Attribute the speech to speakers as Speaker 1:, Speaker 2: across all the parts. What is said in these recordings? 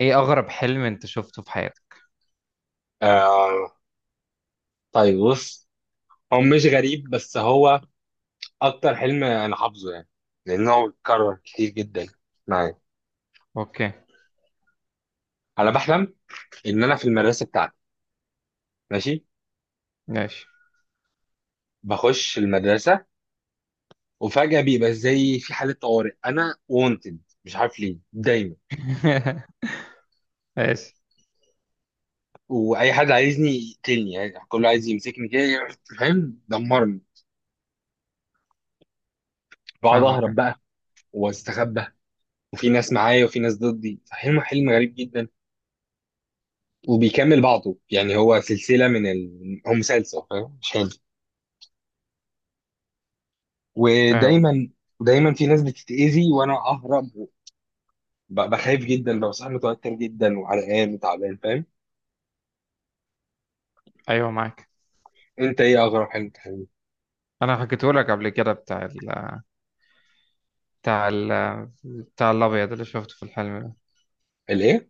Speaker 1: ايه اغرب حلم انت شفته في حياتك؟
Speaker 2: آه، طيب، بص. هو مش غريب، بس هو اكتر حلم انا حافظه يعني، لانه هو اتكرر كتير جدا معايا.
Speaker 1: اوكي.
Speaker 2: انا بحلم ان انا في المدرسه بتاعتي. ماشي.
Speaker 1: ماشي.
Speaker 2: بخش المدرسه، وفجاه بيبقى زي في حاله طوارئ، انا وونتد، مش عارف ليه دايما.
Speaker 1: ماشي.
Speaker 2: واي حد عايزني يقتلني، يعني كله عايز يمسكني كده، فاهم، دمرني. بقعد اهرب
Speaker 1: فاهمك.
Speaker 2: بقى واستخبى، وفي ناس معايا وفي ناس ضدي. حلم حلم غريب جدا، وبيكمل بعضه يعني، هو سلسلة من هو مسلسل، فاهم، مش حلو.
Speaker 1: فاهمك.
Speaker 2: ودايما دايما في ناس بتتأذي وانا اهرب. بخاف جدا، ببقى صاحي، متوتر جدا وعرقان وتعبان، فاهم.
Speaker 1: ايوه، معاك.
Speaker 2: انت ايه اغرب حاجة بتحبها؟
Speaker 1: انا حكيته لك قبل كده، بتاع ال بتاع الابيض اللي شفته في الحلم ده.
Speaker 2: الايه؟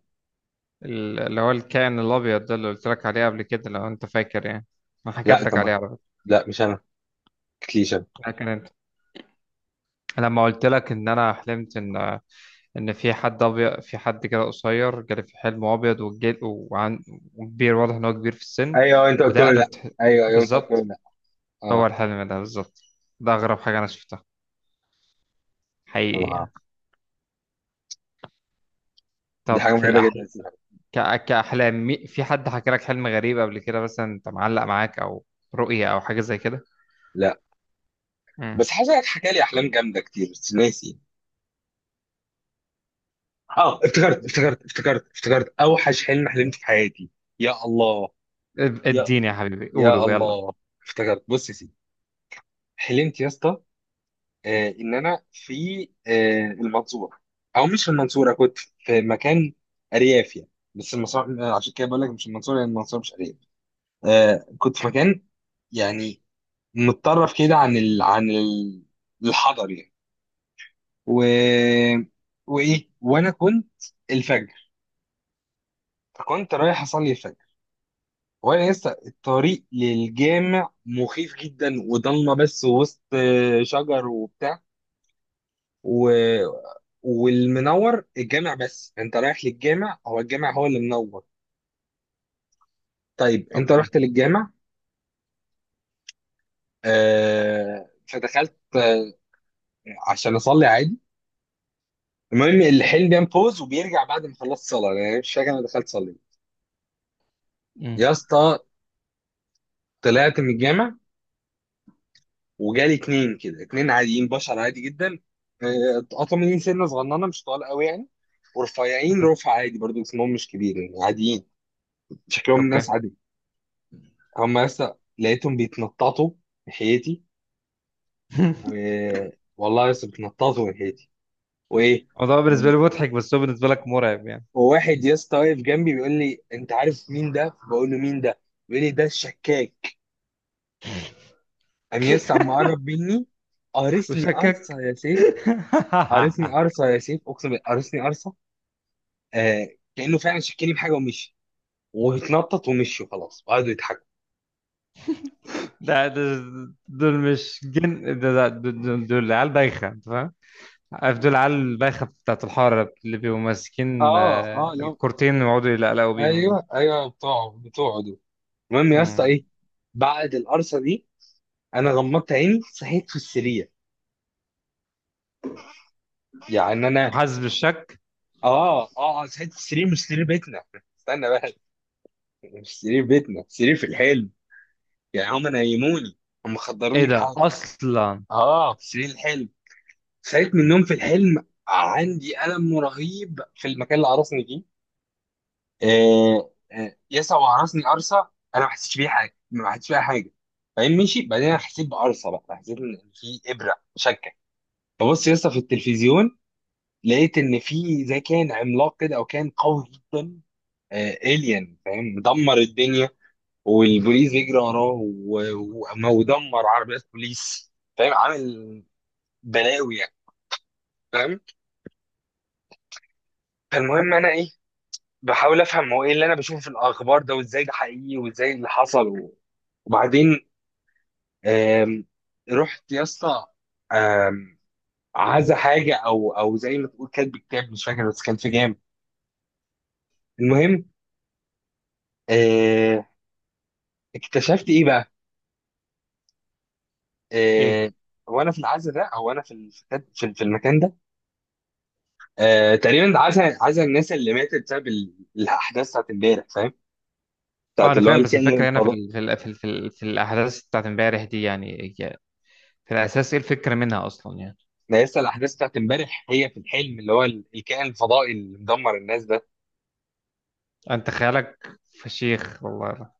Speaker 1: اللي هو الكائن الابيض ده، اللي قلت لك عليه قبل كده، لو انت فاكر يعني. انا
Speaker 2: لا
Speaker 1: حكيت
Speaker 2: انت
Speaker 1: لك عليه
Speaker 2: ما...
Speaker 1: على فكره.
Speaker 2: لا، مش انا، ما تحكيليش انا.
Speaker 1: لكن انت لما قلت لك ان انا حلمت ان في حد ابيض، في حد كده قصير جالي في حلم ابيض، وكبير، واضح ان هو كبير في السن،
Speaker 2: ايوه، انت قلت له
Speaker 1: ودقنه
Speaker 2: لا.
Speaker 1: ت-
Speaker 2: ايوه، ايوه، انت قلت له
Speaker 1: بالظبط.
Speaker 2: لا.
Speaker 1: هو
Speaker 2: اه،
Speaker 1: الحلم ده بالظبط. ده أغرب حاجة أنا شفتها حقيقي
Speaker 2: طبعا.
Speaker 1: يعني.
Speaker 2: دي
Speaker 1: طب
Speaker 2: حاجة
Speaker 1: في
Speaker 2: مرعبة جدا،
Speaker 1: الأحلام،
Speaker 2: سيبها.
Speaker 1: في حد حكى لك حلم غريب قبل كده مثلا، أنت معلق معاك، أو رؤية أو حاجة زي كده؟
Speaker 2: لا،
Speaker 1: مم.
Speaker 2: بس حاسس انك حكى لي احلام جامدة كتير، بس ناسي. اه، افتكرت، افتكرت، افتكرت، افتكرت اوحش حلم حلمت في حياتي. يا الله، يا
Speaker 1: اديني يا حبيبي،
Speaker 2: يا
Speaker 1: قولوا يلا.
Speaker 2: الله. افتكرت، بص يا سيدي، حلمت يا اسطى. ان انا في المنصوره. او مش في المنصوره، كنت في مكان ارياف يعني، بس المنصوره، عشان كده بقول لك مش المنصوره، لان المنصوره مش ارياف. كنت في مكان يعني متطرف كده، عن الحضر يعني. و... وايه، وانا كنت الفجر، فكنت رايح اصلي الفجر. وانا لسه، الطريق للجامع مخيف جدا وضلمه، بس وسط شجر وبتاع. و... والمنور الجامع، بس انت رايح للجامع، هو الجامع هو اللي منور. طيب انت
Speaker 1: أوكي.
Speaker 2: رحت للجامع، فدخلت عشان اصلي عادي. المهم الحلم بينام بوز وبيرجع، بعد ما خلصت صلاه يعني، مش فاكر انا دخلت صلي.
Speaker 1: مم.
Speaker 2: يا اسطى، طلعت من الجامع، وجالي اتنين كده، اتنين عاديين، بشر عادي جدا. اتقطعوا مني، سنه صغننه مش طوال قوي يعني، ورفيعين
Speaker 1: مم.
Speaker 2: رفع عادي، برضو اسمهم مش كبير يعني، عاديين. شكلهم ناس
Speaker 1: أوكي.
Speaker 2: عادي. هم لسه لقيتهم بيتنططوا ناحيتي. و... والله يا اسطى بتنططوا من هيتي، وايه.
Speaker 1: الموضوع بالنسبة لي مضحك، بس هو بالنسبة لك مرعب يعني.
Speaker 2: وواحد يا اسطى واقف جنبي بيقول لي، انت عارف مين ده؟ بقول له مين ده؟ بيقول لي ده الشكاك. قام يا اسطى عم قرب مني، قارصني
Speaker 1: وشكك.
Speaker 2: قرصه يا سيف. قارصني قرصه يا سيف، اقسم بالله قارصني قرصه. آه كانه فعلا شكني بحاجه ومشي، واتنطط ومشي وخلاص، وقعدوا يضحكوا.
Speaker 1: لا، دول مش جن، دول عيال بايخة. عارف دول عيال البايخة بتاعت الحارة اللي بيبقوا ماسكين
Speaker 2: اه، اه، لو،
Speaker 1: الكورتين ويقعدوا يلقلقوا بيهم دول.
Speaker 2: ايوه، ايوه، بتوعه بتوعه دول. المهم يا اسطى
Speaker 1: مم.
Speaker 2: ايه، بعد القرصه دي، انا غمضت عيني، صحيت في السرير، يعني انا.
Speaker 1: وحاسس بالشك.
Speaker 2: اه، اه، ساعة السرير مش سرير بيتنا، استنى بقى، مش سرير بيتنا، سرير في الحلم. يعني هم نيموني، هم
Speaker 1: ايه
Speaker 2: خدروني
Speaker 1: ده
Speaker 2: بحاجه.
Speaker 1: اصلا؟
Speaker 2: اه، في سرير الحلم صحيت من النوم. في الحلم عندي ألم رهيب في المكان اللي عرسني فيه. يسع وعرسني قرصة. أنا ما حسيتش بيها حاجة، ما حسيتش بيها حاجة. بعدين مشي، بعدين أنا حسيت بقرصة بقى، حسيت إن في إبرة شكة. ببص يسطا في التلفزيون، لقيت إن في زي كان عملاق كده، أو كان قوي جدا. الين، فاهم، مدمر الدنيا، والبوليس بيجري وراه ودمر عربيات بوليس، فاهم، عامل بلاوي يعني، فاهم. فالمهم انا ايه، بحاول افهم هو ايه اللي انا بشوفه في الاخبار ده، وازاي ده حقيقي، وازاي اللي حصل، وبعدين آم، رحت يا اسطى، آم، عزا حاجه، او زي ما تقول كاتب كتاب، مش فاكر، بس كان في جام. المهم، آه، اكتشفت ايه بقى،
Speaker 1: ايه.
Speaker 2: آه، وانا في العزا ده، او انا في في المكان ده. تقريبا عزا، عزا الناس اللي ماتت بسبب الاحداث بتاعت امبارح، فاهم،
Speaker 1: اه،
Speaker 2: بتاعت
Speaker 1: انا
Speaker 2: اللي هو
Speaker 1: فاهم، بس
Speaker 2: الكائن
Speaker 1: الفكرة هنا
Speaker 2: الفضائي.
Speaker 1: ال في, ال في الاحداث بتاعت امبارح دي، يعني هي في الاساس ايه الفكرة منها اصلا يعني؟
Speaker 2: ده لسه الاحداث بتاعت امبارح هي في الحلم، اللي هو الكائن الفضائي اللي مدمر الناس ده.
Speaker 1: انت خيالك فشيخ والله.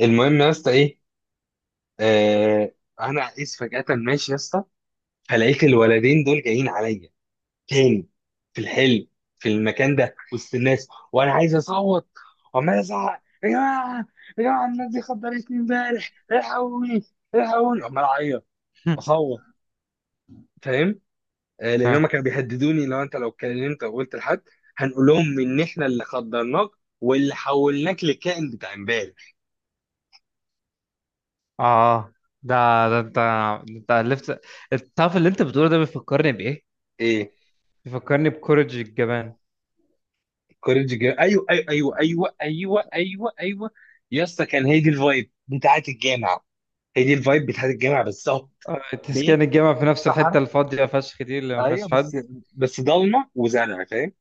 Speaker 2: المهم يا اسطى ايه، آه انا قيس فجأة ماشي يا اسطى، فلقيت الولدين دول جايين عليا تاني في الحلم، في المكان ده، وسط الناس، وانا عايز اصوت، وعمال ازعق، يا جماعه، يا جماعه الناس دي خدرتني امبارح، الحقوني، الحقوني، عمال اعيط اصوت، فاهم. لان هم
Speaker 1: فاهم.
Speaker 2: كانوا بيهددوني، لو انت، لو اتكلمت او قلت لحد هنقول لهم ان احنا اللي خدرناك، واللي حولناك لكائن بتاع امبارح.
Speaker 1: اه. آه. ده ده انت الفت. الطرف اللي انت بتقوله ده بيفكرني بايه؟
Speaker 2: ايه؟
Speaker 1: بيفكرني بكورج الجبان.
Speaker 2: كوريج جيم، ايوه، ايوه، ايوه، ايوه، ايوه، ايوه، ايوه. يا اسطى كان، هي دي الفايب بتاعت الجامعه، هي دي الفايب بتاعت الجامعه بالظبط. بيت
Speaker 1: تسكان الجامعة في
Speaker 2: في
Speaker 1: نفس
Speaker 2: الصحراء،
Speaker 1: الحتة الفاضية فشخ دي اللي ما
Speaker 2: ايوه
Speaker 1: فيهاش حد.
Speaker 2: بس ضلمه وزرع، فاهم.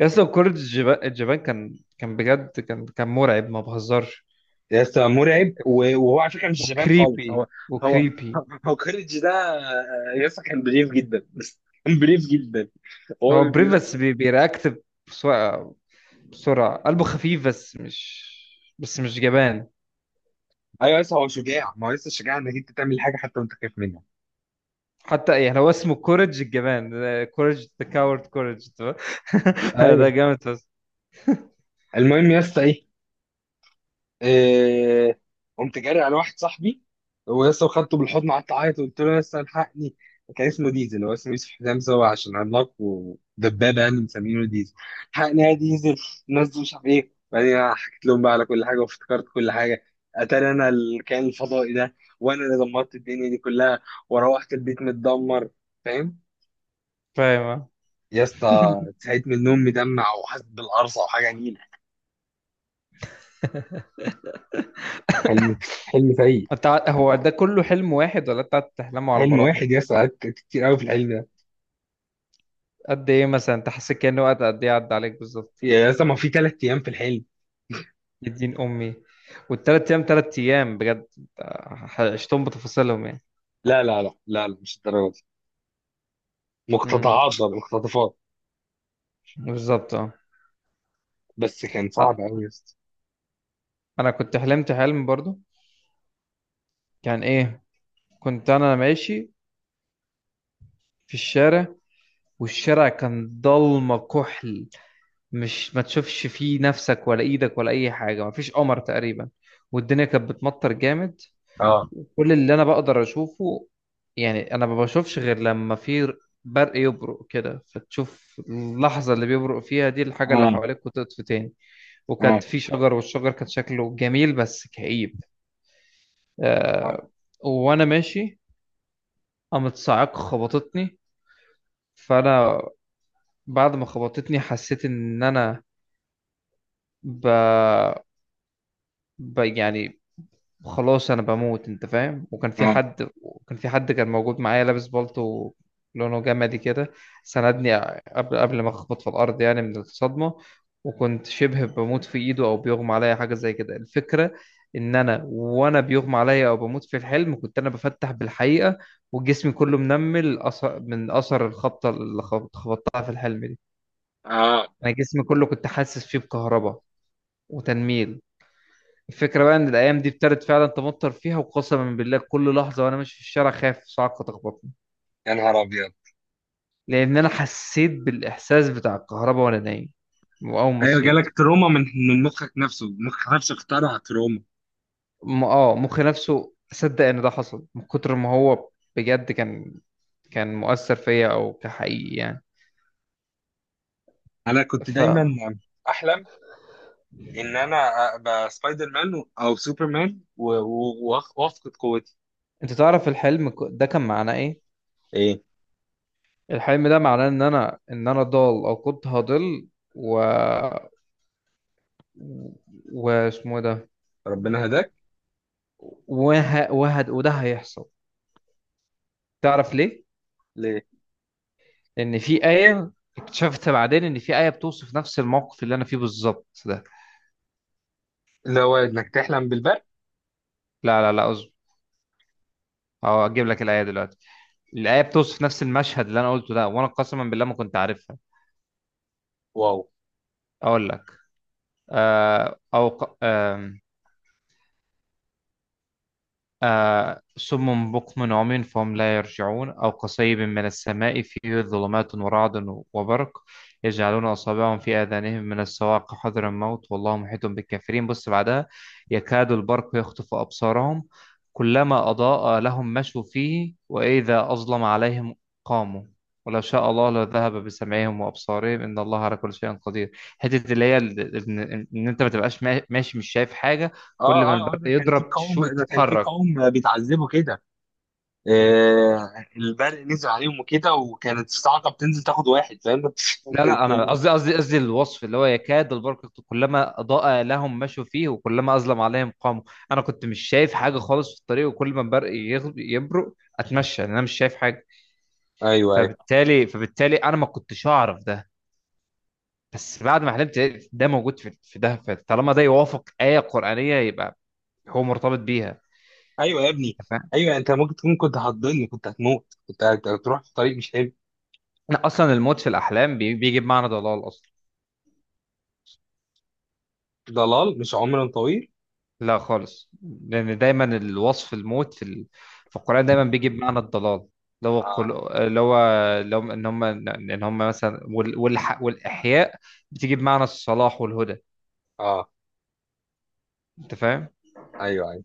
Speaker 1: يا اسطى، كورة الجبان كان بجد كان مرعب، ما بهزرش.
Speaker 2: يا اسطى مرعب، وهو على فكره مش جبان خالص. هو،
Speaker 1: وكريبي،
Speaker 2: هو
Speaker 1: وكريبي.
Speaker 2: هو كوريج ده. يا اسطى كان بريف جدا بس كان بريف جدا،
Speaker 1: هو
Speaker 2: هو
Speaker 1: بريف،
Speaker 2: بيقول.
Speaker 1: بس بيرياكت بسرعة، قلبه خفيف، بس مش جبان.
Speaker 2: ايوه، لسه هو شجاع، ما هو لسه شجاع انك انت تعمل حاجه حتى وانت خايف منها.
Speaker 1: حتى يعني هو اسمه كورج الجبان. كورج ذا كاورد كورج. ده
Speaker 2: ايوه،
Speaker 1: جامد بس.
Speaker 2: المهم يا اسطى ايه، آه، قمت جاري على واحد صاحبي، هو لسه خدته بالحضن، قعدت اعيط وقلت له لسه الحقني. كان اسمه ديزل، هو اسمه يوسف، حزام سوا عشان عملاق ودبابه يعني مسمينه ديزل. الحقني يا ديزل. نزل مش عارف ايه، بعدين حكيت لهم بقى على كل حاجه، وافتكرت كل حاجه، اتاري انا الكائن الفضائي ده، وانا اللي دمرت الدنيا دي كلها، وروحت البيت متدمر، فاهم.
Speaker 1: فاهم. آه.
Speaker 2: يا اسطى صحيت من النوم مدمع، وحاسس بالقرصه وحاجه نيله. حلم حلم سيء.
Speaker 1: انت هو ده كله حلم واحد ولا انت قاعد تحلمه على
Speaker 2: حلم
Speaker 1: مراحل؟
Speaker 2: واحد يا اسطى، قعدت كتير قوي في الحلم ده.
Speaker 1: قد ايه مثلا؟ انت حسيت كأنه وقت قد ايه عدى عليك بالظبط؟
Speaker 2: يا اسطى، ما في 3 ايام في الحلم.
Speaker 1: يا دين امي. والتلات ايام، تلات ايام بجد؟ عشتهم بتفاصيلهم يعني؟
Speaker 2: لا، لا، لا، لا، لا، مش الدرجه دي،
Speaker 1: امم.
Speaker 2: مقتطعات بقى، مقتطفات.
Speaker 1: بالظبط، اه.
Speaker 2: بس كان صعب
Speaker 1: آه،
Speaker 2: قوي يا اسطى.
Speaker 1: انا كنت حلمت حلم برضو. كان ايه؟ كنت انا ماشي في الشارع، والشارع كان ضلمه كحل، مش ما تشوفش فيه نفسك ولا ايدك ولا اي حاجه، ما فيش قمر تقريبا، والدنيا كانت بتمطر جامد.
Speaker 2: اه،
Speaker 1: كل اللي انا بقدر اشوفه، يعني انا ما بشوفش غير لما في برق، يبرق كده فتشوف اللحظة اللي بيبرق فيها دي الحاجة اللي
Speaker 2: اه،
Speaker 1: حواليك، وتطفي تاني. وكانت
Speaker 2: اه،
Speaker 1: في شجر، والشجر كان شكله جميل بس كئيب.
Speaker 2: اه،
Speaker 1: آه. وانا ماشي قامت صاعقة خبطتني. فانا بعد ما خبطتني حسيت ان انا ب... يعني خلاص انا بموت، انت فاهم. وكان في
Speaker 2: اه،
Speaker 1: حد، كان موجود معايا لابس بالطو، لونه جمدي كده، سندني قبل ما اخبط في الارض، يعني من الصدمه. وكنت شبه بموت في ايده، او بيغمى عليا حاجه زي كده. الفكره ان انا وانا بيغمى عليا او بموت في الحلم، كنت انا بفتح بالحقيقه، وجسمي كله منمل أثر من اثر الخبطه اللي خبطتها في الحلم دي.
Speaker 2: اه.
Speaker 1: انا جسمي كله كنت حاسس فيه بكهرباء وتنميل. الفكرة بقى إن الأيام دي ابتدت فعلا تمطر فيها، وقسما بالله كل لحظة وأنا ماشي في الشارع خايف صاعقة تخبطني،
Speaker 2: يا نهار ابيض.
Speaker 1: لأن أنا حسيت بالإحساس بتاع الكهرباء وأنا نايم. وأول ما
Speaker 2: ايوه،
Speaker 1: صحيت
Speaker 2: جالك تروما من مخك نفسه، مخك نفسه اخترع تروما.
Speaker 1: مخي نفسه صدق إن ده حصل، من كتر ما هو بجد كان، كان مؤثر فيا أو كحقيقي يعني.
Speaker 2: انا كنت
Speaker 1: ف
Speaker 2: دايما احلم ان انا ابقى سبايدر مان او سوبر مان، وافقد قوتي.
Speaker 1: أنت تعرف الحلم ده كان معناه إيه؟
Speaker 2: ايه؟
Speaker 1: الحلم ده معناه إن أنا، إن أنا ضال أو كنت هضل. و و- واسمه ده.
Speaker 2: ربنا هداك.
Speaker 1: وده هيحصل. تعرف ليه؟
Speaker 2: ليه؟
Speaker 1: لأن في آية. اكتشفت بعدين إن في آية بتوصف نفس الموقف اللي أنا فيه بالظبط ده.
Speaker 2: اللي هو انك تحلم بالبرق.
Speaker 1: لا، لا، لا، أصبر. أه، أجيب لك الآية دلوقتي. الآية بتوصف نفس المشهد اللي أنا قلته ده، وأنا قسما بالله ما كنت عارفها.
Speaker 2: واو.
Speaker 1: أقول لك. آه أو ق... آه صم بكم عمي فهم لا يرجعون، أو كصيب من السماء فيه ظلمات ورعد وبرق، يجعلون أصابعهم في آذانهم من الصواعق حذر الموت، والله محيط بالكافرين. بص بعدها: يكاد البرق يخطف أبصارهم، كلما أضاء لهم مشوا فيه، وإذا أظلم عليهم قاموا، ولو شاء الله لذهب بسمعهم وأبصارهم، إن الله على كل شيء قدير. حتة اللي هي إن، إن أنت ما تبقاش ماشي، مش شايف حاجة،
Speaker 2: اه،
Speaker 1: كل ما
Speaker 2: اه، اه،
Speaker 1: البرق
Speaker 2: ده كان في
Speaker 1: يضرب
Speaker 2: قوم، ده كان في
Speaker 1: تتحرك.
Speaker 2: قوم بيتعذبوا كده. البرق نزل عليهم وكده، وكانت الصاعقه بتنزل تاخد واحد، فاهم.
Speaker 1: لا، لا، انا
Speaker 2: تقوم-
Speaker 1: قصدي، قصدي الوصف اللي هو يكاد البرق، كلما اضاء لهم مشوا فيه، وكلما اظلم عليهم قاموا. انا كنت مش شايف حاجه خالص في الطريق، وكل ما البرق يبرق اتمشى، لأن انا مش شايف حاجه.
Speaker 2: ايوه، ايوه،
Speaker 1: فبالتالي انا ما كنتش اعرف ده. بس بعد ما حلمت لقيت ده موجود في ده، فطالما ده يوافق ايه قرانيه، يبقى هو مرتبط بيها.
Speaker 2: ايوه يا ابني.
Speaker 1: انت فاهم.
Speaker 2: ايوه، انت ممكن تكون كنت هتضل، كنت هتموت، كنت هتروح في طريق مش حلو.
Speaker 1: انا اصلا الموت في الاحلام بيجي بمعنى ضلال اصلا.
Speaker 2: ضلال، مش عمر طويل.
Speaker 1: لا خالص، لأن دايما الوصف، الموت في القرآن دايما بيجي بمعنى الضلال. اللي هو
Speaker 2: اه،
Speaker 1: اللي هو لو إن هم، إن هم مثلا، والإحياء بتيجي بمعنى الصلاح والهدى.
Speaker 2: اه،
Speaker 1: أنت فاهم؟
Speaker 2: ايوه، ايوه.